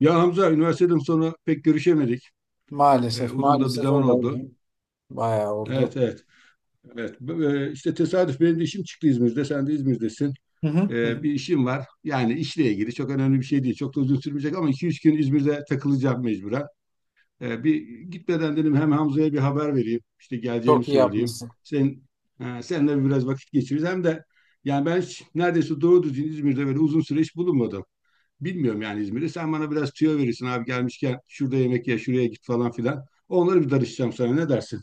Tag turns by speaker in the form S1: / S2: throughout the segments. S1: Ya Hamza, üniversiteden sonra pek görüşemedik.
S2: Maalesef,
S1: Uzun da bir
S2: maalesef
S1: zaman
S2: öyle
S1: oldu.
S2: oldu. Bayağı oldu.
S1: Evet, evet, evet. İşte tesadüf, benim de işim çıktı İzmir'de. Sen de İzmir'desin.
S2: Hı hı, hı hı.
S1: Bir işim var. Yani işle ilgili çok önemli bir şey değil. Çok da uzun sürmeyecek ama iki üç gün İzmir'de takılacağım mecburen. Bir, gitmeden dedim, hem Hamza'ya bir haber vereyim. İşte geleceğimi
S2: Çok iyi
S1: söyleyeyim.
S2: yapmışsın.
S1: Sen, ha, seninle biraz vakit geçiririz. Hem de yani ben hiç neredeyse doğru düzgün İzmir'de böyle uzun süre hiç bulunmadım. Bilmiyorum yani İzmir'i. Sen bana biraz tüyo verirsin abi, gelmişken şurada yemek ye, şuraya git falan filan. Onları bir darışacağım sana, ne dersin?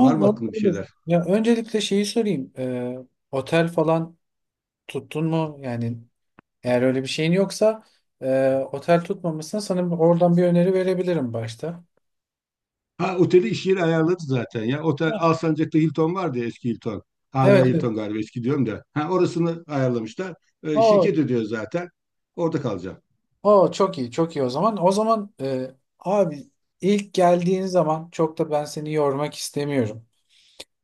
S1: Var mı
S2: olur
S1: aklında bir
S2: olur.
S1: şeyler?
S2: Ya öncelikle şeyi sorayım. Otel falan tuttun mu? Yani eğer öyle bir şeyin yoksa otel tutmamışsın. Sana oradan bir öneri verebilirim başta.
S1: Ha, oteli iş yeri ayarladı zaten ya. Otel
S2: Ha,
S1: Alsancak'ta Hilton vardı ya, eski Hilton.
S2: evet,
S1: Hala
S2: evet.
S1: Hilton galiba, eski diyorum da. Ha, orasını ayarlamışlar. Şirket
S2: O,
S1: ödüyor zaten. Orada kalacağım.
S2: O çok iyi, çok iyi o zaman. O zaman abi ilk geldiğin zaman çok da ben seni yormak istemiyorum.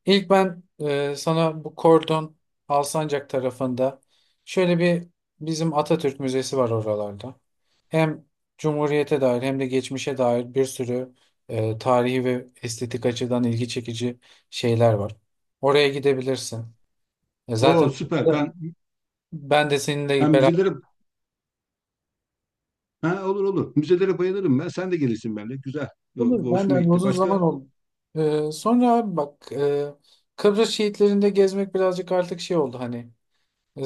S2: İlk ben, sana bu Kordon Alsancak tarafında şöyle bir bizim Atatürk Müzesi var oralarda. Hem Cumhuriyete dair hem de geçmişe dair bir sürü tarihi ve estetik açıdan ilgi çekici şeyler var. Oraya gidebilirsin. E,
S1: Oo,
S2: zaten
S1: süper.
S2: orada
S1: Ben
S2: ben de seninle
S1: hem
S2: beraber
S1: müzelere Ha, olur olur. Müzelere bayılırım ben. Sen de gelirsin benimle. Güzel. Bu-
S2: olur.
S1: bu
S2: Ben de
S1: hoşuma
S2: hani
S1: gitti.
S2: uzun
S1: Başka
S2: zaman oldu. E, sonra abi bak, Kıbrıs şehitlerinde gezmek birazcık artık şey oldu hani. E,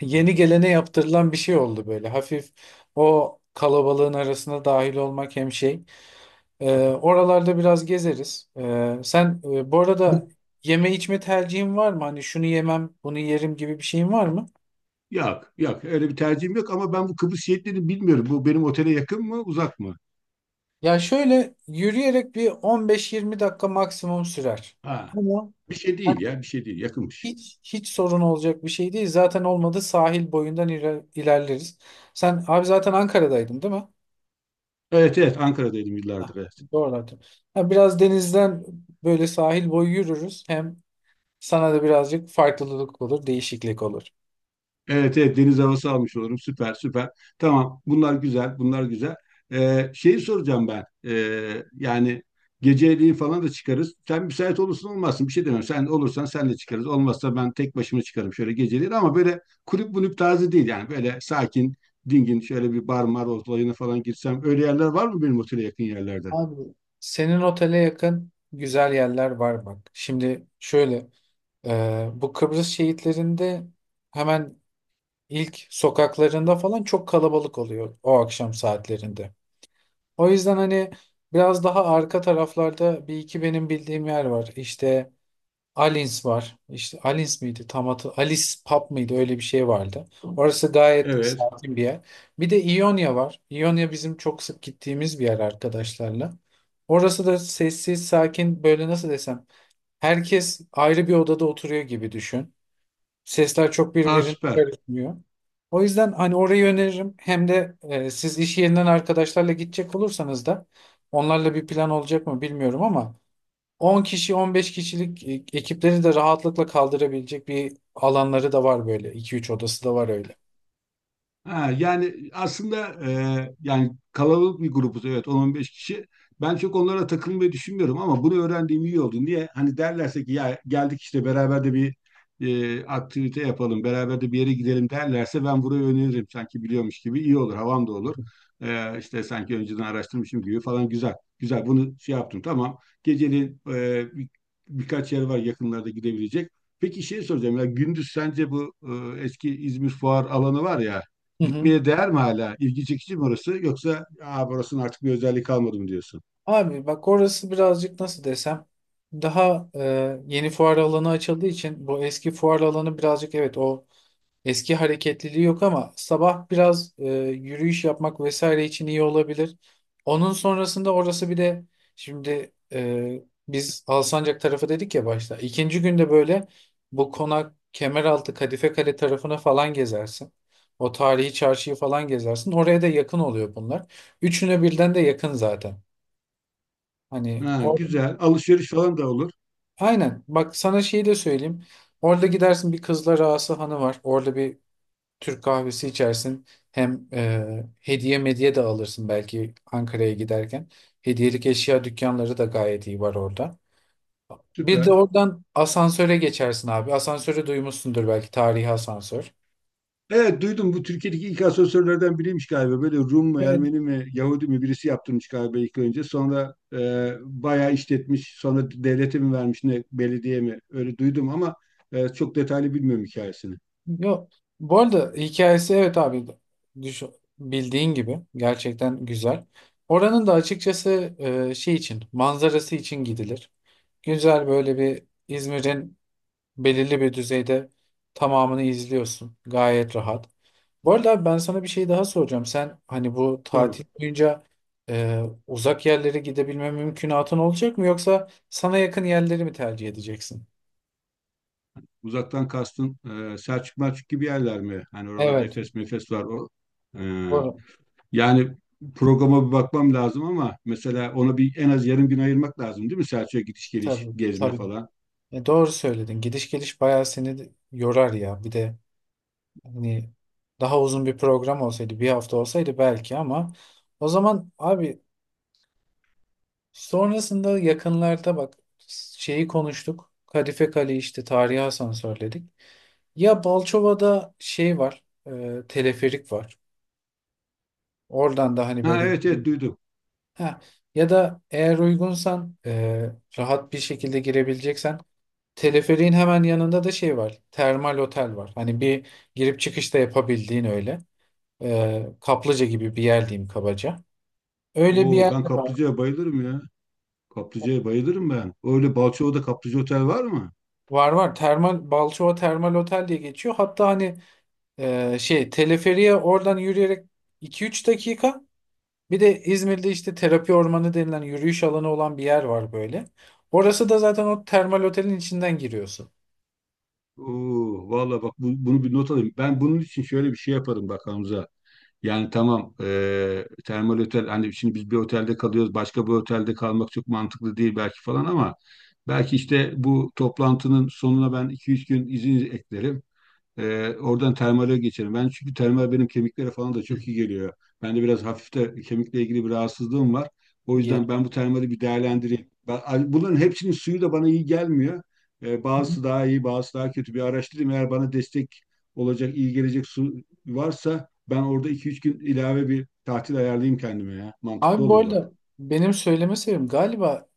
S2: yeni gelene yaptırılan bir şey oldu böyle. Hafif o kalabalığın arasına dahil olmak hem şey. Oralarda biraz gezeriz. Sen, bu arada
S1: bu
S2: yeme içme tercihin var mı? Hani şunu yemem, bunu yerim gibi bir şeyin var mı?
S1: Yok, yok. Öyle bir tercihim yok, ama ben bu Kıbrıs Şehitlerini bilmiyorum. Bu benim otele yakın mı, uzak mı?
S2: Ya şöyle yürüyerek bir 15-20 dakika maksimum sürer.
S1: Ha,
S2: Ama
S1: bir şey
S2: hani
S1: değil ya, bir şey değil. Yakınmış.
S2: hiç sorun olacak bir şey değil. Zaten olmadı sahil boyundan ilerleriz. Sen abi zaten Ankara'daydın değil mi?
S1: Evet, evet. Ankara'daydım
S2: Ah,
S1: yıllardır. Evet.
S2: doğru hatırlıyorum. Ha, biraz denizden böyle sahil boyu yürürüz. Hem sana da birazcık farklılık olur, değişiklik olur.
S1: Evet, evet, deniz havası almış olurum. Süper, süper. Tamam, bunlar güzel, bunlar güzel. Şeyi soracağım ben. Yani geceliği falan da çıkarız. Sen müsait olursun olmazsın bir şey demem. Sen olursan sen de çıkarız. Olmazsa ben tek başıma çıkarım şöyle geceliği. Ama böyle kulüp bunüp tarzı değil yani. Böyle sakin, dingin şöyle bir bar mar olayına falan girsem. Öyle yerler var mı benim otele yakın yerlerde?
S2: Abi senin otele yakın güzel yerler var bak. Şimdi şöyle, bu Kıbrıs şehitlerinde hemen ilk sokaklarında falan çok kalabalık oluyor o akşam saatlerinde. O yüzden hani biraz daha arka taraflarda bir iki benim bildiğim yer var. İşte Alins var. İşte Alins miydi? Tam hatı Alice Pub mıydı? Öyle bir şey vardı. Orası gayet
S1: Evet.
S2: sakin bir yer. Bir de İonya var. İonya bizim çok sık gittiğimiz bir yer arkadaşlarla. Orası da sessiz, sakin, böyle nasıl desem. Herkes ayrı bir odada oturuyor gibi düşün. Sesler çok
S1: Aa,
S2: birbirine
S1: süper.
S2: karışmıyor. O yüzden hani orayı öneririm. Hem de siz iş yerinden arkadaşlarla gidecek olursanız da onlarla bir plan olacak mı bilmiyorum ama 10 kişi 15 kişilik ekipleri de rahatlıkla kaldırabilecek bir alanları da var böyle. 2-3 odası da var öyle.
S1: Ha, yani aslında yani kalabalık bir grubuz, evet, 10-15 kişi. Ben çok onlara takılmayı düşünmüyorum, ama bunu öğrendiğim iyi oldu. Niye? Hani derlerse ki, ya geldik işte, beraber de bir aktivite yapalım, beraber de bir yere gidelim derlerse, ben burayı öneririm, sanki biliyormuş gibi iyi olur, havam da olur. İşte sanki önceden araştırmışım gibi falan, güzel. Güzel, bunu şey yaptım, tamam. Geceliğin birkaç yer var yakınlarda gidebilecek. Peki şey soracağım, ya gündüz sence bu eski İzmir Fuar alanı var ya,
S2: Hı hı.
S1: gitmeye değer mi hala? İlgi çekici mi orası? Yoksa, aa, burasının artık bir özelliği kalmadı mı diyorsun?
S2: Abi bak orası birazcık nasıl desem daha, yeni fuar alanı açıldığı için bu eski fuar alanı birazcık, evet, o eski hareketliliği yok, ama sabah biraz yürüyüş yapmak vesaire için iyi olabilir. Onun sonrasında orası bir de şimdi, biz Alsancak tarafı dedik ya başta. İkinci günde böyle bu konak Kemeraltı Kadife Kale tarafına falan gezersin. O tarihi çarşıyı falan gezersin. Oraya da yakın oluyor bunlar. Üçüne birden de yakın zaten. Hani
S1: Ha,
S2: or
S1: güzel. Alışveriş falan da olur.
S2: Aynen, bak sana şeyi de söyleyeyim. Orada gidersin bir Kızlar Ağası Hanı var. Orada bir Türk kahvesi içersin. Hem hediye medya de alırsın belki Ankara'ya giderken. Hediyelik eşya dükkanları da gayet iyi var orada. Bir de
S1: Süper.
S2: oradan asansöre geçersin abi. Asansörü duymuşsundur belki, tarihi asansör.
S1: Evet, duydum, bu Türkiye'deki ilk asansörlerden biriymiş galiba. Böyle Rum mu,
S2: Evet.
S1: Ermeni mi, Yahudi mi birisi yaptırmış galiba ilk önce. Sonra bayağı işletmiş. Sonra devlete mi vermiş ne, belediye mi? Öyle duydum ama çok detaylı bilmiyorum hikayesini.
S2: Yok. Bu arada hikayesi, evet abi, düş bildiğin gibi gerçekten güzel. Oranın da açıkçası şey için, manzarası için gidilir. Güzel böyle bir İzmir'in belirli bir düzeyde tamamını izliyorsun. Gayet rahat. Bu arada abi ben sana bir şey daha soracağım. Sen hani bu
S1: Dur,
S2: tatil boyunca uzak yerlere gidebilme mümkünatın olacak mı, yoksa sana yakın yerleri mi tercih edeceksin?
S1: uzaktan kastın Selçuk Melçuk gibi yerler mi? Hani oralarda
S2: Evet.
S1: Efes Mefes var, o. E,
S2: Doğru.
S1: Yani programa bir bakmam lazım, ama mesela ona bir en az yarım gün ayırmak lazım değil mi? Selçuk'a gidiş geliş,
S2: Tabii,
S1: gezme
S2: tabii.
S1: falan.
S2: E, doğru söyledin. Gidiş geliş bayağı seni de yorar ya. Bir de hani daha uzun bir program olsaydı, bir hafta olsaydı belki, ama o zaman abi sonrasında yakınlarda bak şeyi konuştuk. Kadife Kale işte tarihi asansörledik. Ya Balçova'da şey var, teleferik var. Oradan da hani
S1: Ha,
S2: böyle,
S1: evet, evet, duydum.
S2: ha, ya da eğer uygunsan, rahat bir şekilde girebileceksen, teleferiğin hemen yanında da şey var. Termal otel var. Hani bir girip çıkış da yapabildiğin öyle. E, kaplıca gibi bir yer diyeyim kabaca. Öyle bir
S1: Oo,
S2: yer
S1: ben
S2: de var.
S1: kaplıcaya bayılırım ya. Kaplıcaya bayılırım ben. Öyle Balçova'da kaplıca otel var mı?
S2: Var, var. Termal Balçova Termal Otel diye geçiyor. Hatta hani, şey, teleferiye oradan yürüyerek iki üç dakika. Bir de İzmir'de işte terapi ormanı denilen yürüyüş alanı olan bir yer var böyle. Orası da zaten o termal otelin içinden giriyorsun.
S1: Oo, vallahi bak, bunu bir not alayım. Ben bunun için şöyle bir şey yaparım, bak Hamza. Yani tamam, termal otel, hani şimdi biz bir otelde kalıyoruz, başka bir otelde kalmak çok mantıklı değil belki falan, ama belki işte bu toplantının sonuna ben 2-3 gün izin eklerim. Oradan termale geçelim. Ben çünkü termal benim kemiklere falan da çok iyi geliyor. Bende biraz hafif de kemikle ilgili bir rahatsızlığım var. O yüzden
S2: Geç.
S1: ben bu termali bir değerlendireyim. Bunların hepsinin suyu da bana iyi gelmiyor.
S2: Hı hı.
S1: Bazısı daha iyi, bazısı daha kötü. Bir araştırayım. Eğer bana destek olacak, iyi gelecek su varsa, ben orada iki üç gün ilave bir tatil ayarlayayım kendime ya. Mantıklı
S2: Abi bu
S1: olur, bak.
S2: arada benim söyleme sebebim galiba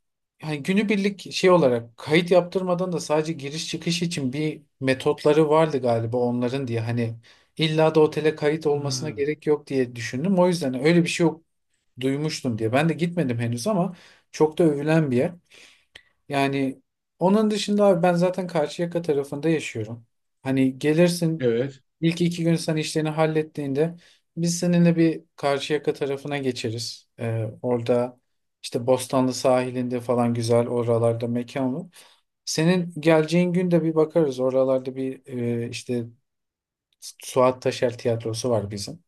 S2: hani günübirlik şey olarak kayıt yaptırmadan da sadece giriş çıkış için bir metotları vardı galiba onların, diye hani illa da otele kayıt olmasına
S1: Ha,
S2: gerek yok diye düşündüm. O yüzden öyle bir şey duymuştum diye. Ben de gitmedim henüz ama çok da övülen bir yer. Yani onun dışında abi ben zaten Karşıyaka tarafında yaşıyorum. Hani gelirsin,
S1: evet.
S2: ilk iki gün sen işlerini hallettiğinde biz seninle bir Karşıyaka tarafına geçeriz. Orada işte Bostanlı sahilinde falan güzel, oralarda mekan var. Senin geleceğin gün de bir bakarız. Oralarda bir, işte Suat Taşer tiyatrosu var bizim.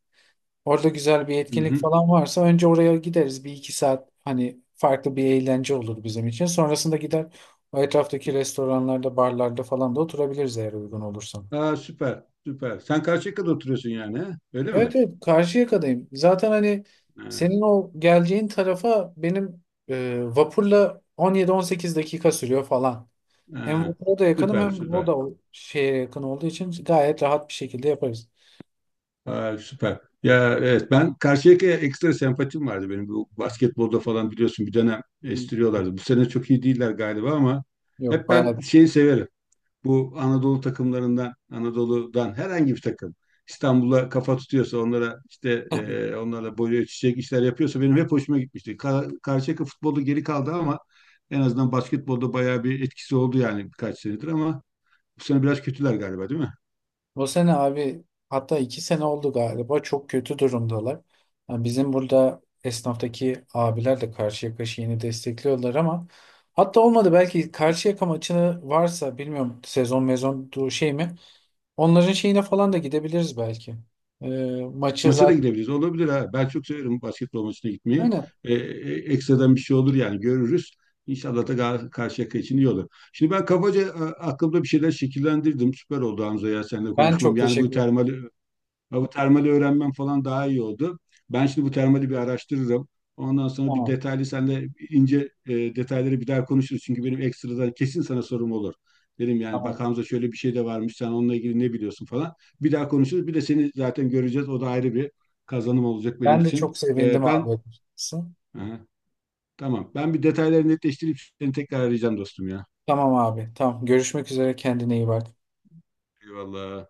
S2: Orada güzel bir
S1: Hı
S2: etkinlik
S1: hı.
S2: falan varsa önce oraya gideriz. Bir iki saat hani farklı bir eğlence olur bizim için. Sonrasında gider o etraftaki restoranlarda, barlarda falan da oturabiliriz eğer uygun olursa.
S1: Aa, süper, süper. Sen Karşıyaka'da oturuyorsun yani, he? Öyle mi?
S2: Evet, evet, Karşıyaka'dayım. Zaten hani senin
S1: Ha,
S2: o geleceğin tarafa benim vapurla 17-18 dakika sürüyor falan. Hem
S1: ha.
S2: vapura da yakınım,
S1: Süper,
S2: hem o
S1: süper.
S2: da o şeye yakın olduğu için gayet rahat bir şekilde yaparız.
S1: Ha, süper. Ya evet, ben Karşıyaka'ya ekstra sempatim vardı benim. Bu basketbolda falan biliyorsun, bir dönem estiriyorlardı. Bu sene çok iyi değiller galiba, ama
S2: Yok,
S1: hep ben
S2: bayağı.
S1: şeyi severim. Bu Anadolu takımlarından, Anadolu'dan herhangi bir takım İstanbul'a kafa tutuyorsa, onlara işte onlarla boyu ölçüşecek işler yapıyorsa, benim hep hoşuma gitmişti. Karşıyaka futbolda geri kaldı ama en azından basketbolda bayağı bir etkisi oldu yani, birkaç senedir, ama bu sene biraz kötüler galiba, değil mi?
S2: Bu sene abi, hatta iki sene oldu galiba, çok kötü durumdalar. Yani bizim burada esnaftaki abiler de Karşıyaka yeni destekliyorlar, ama hatta olmadı belki Karşıyaka maçını varsa, bilmiyorum sezon mezon şey mi, onların şeyine falan da gidebiliriz belki. Ee, Maçı
S1: Maça da
S2: zaten
S1: gidebiliriz. Olabilir ha. Ben çok severim basketbol maçına gitmeyi.
S2: aynen.
S1: Ekstradan bir şey olur yani, görürüz. İnşallah da Karşıyaka için iyi olur. Şimdi ben kabaca aklımda bir şeyler şekillendirdim. Süper oldu Hamza ya, seninle
S2: Ben
S1: konuşmam.
S2: çok
S1: Yani
S2: teşekkür
S1: bu
S2: ederim.
S1: termal Ha, bu termali öğrenmem falan daha iyi oldu. Ben şimdi bu termali bir araştırırım. Ondan sonra bir
S2: Tamam,
S1: detaylı senle ince detayları bir daha konuşuruz. Çünkü benim ekstradan kesin sana sorum olur. Dedim yani, bak
S2: tamam.
S1: Hamza, şöyle bir şey de varmış. Sen onunla ilgili ne biliyorsun falan. Bir daha konuşuruz. Bir de seni zaten göreceğiz. O da ayrı bir kazanım olacak benim
S2: Ben de
S1: için.
S2: çok
S1: E,
S2: sevindim
S1: ben
S2: abi.
S1: Aha, tamam. Ben bir detayları netleştirip seni tekrar arayacağım dostum ya.
S2: Tamam abi, tamam, görüşmek üzere, kendine iyi bak.
S1: Eyvallah.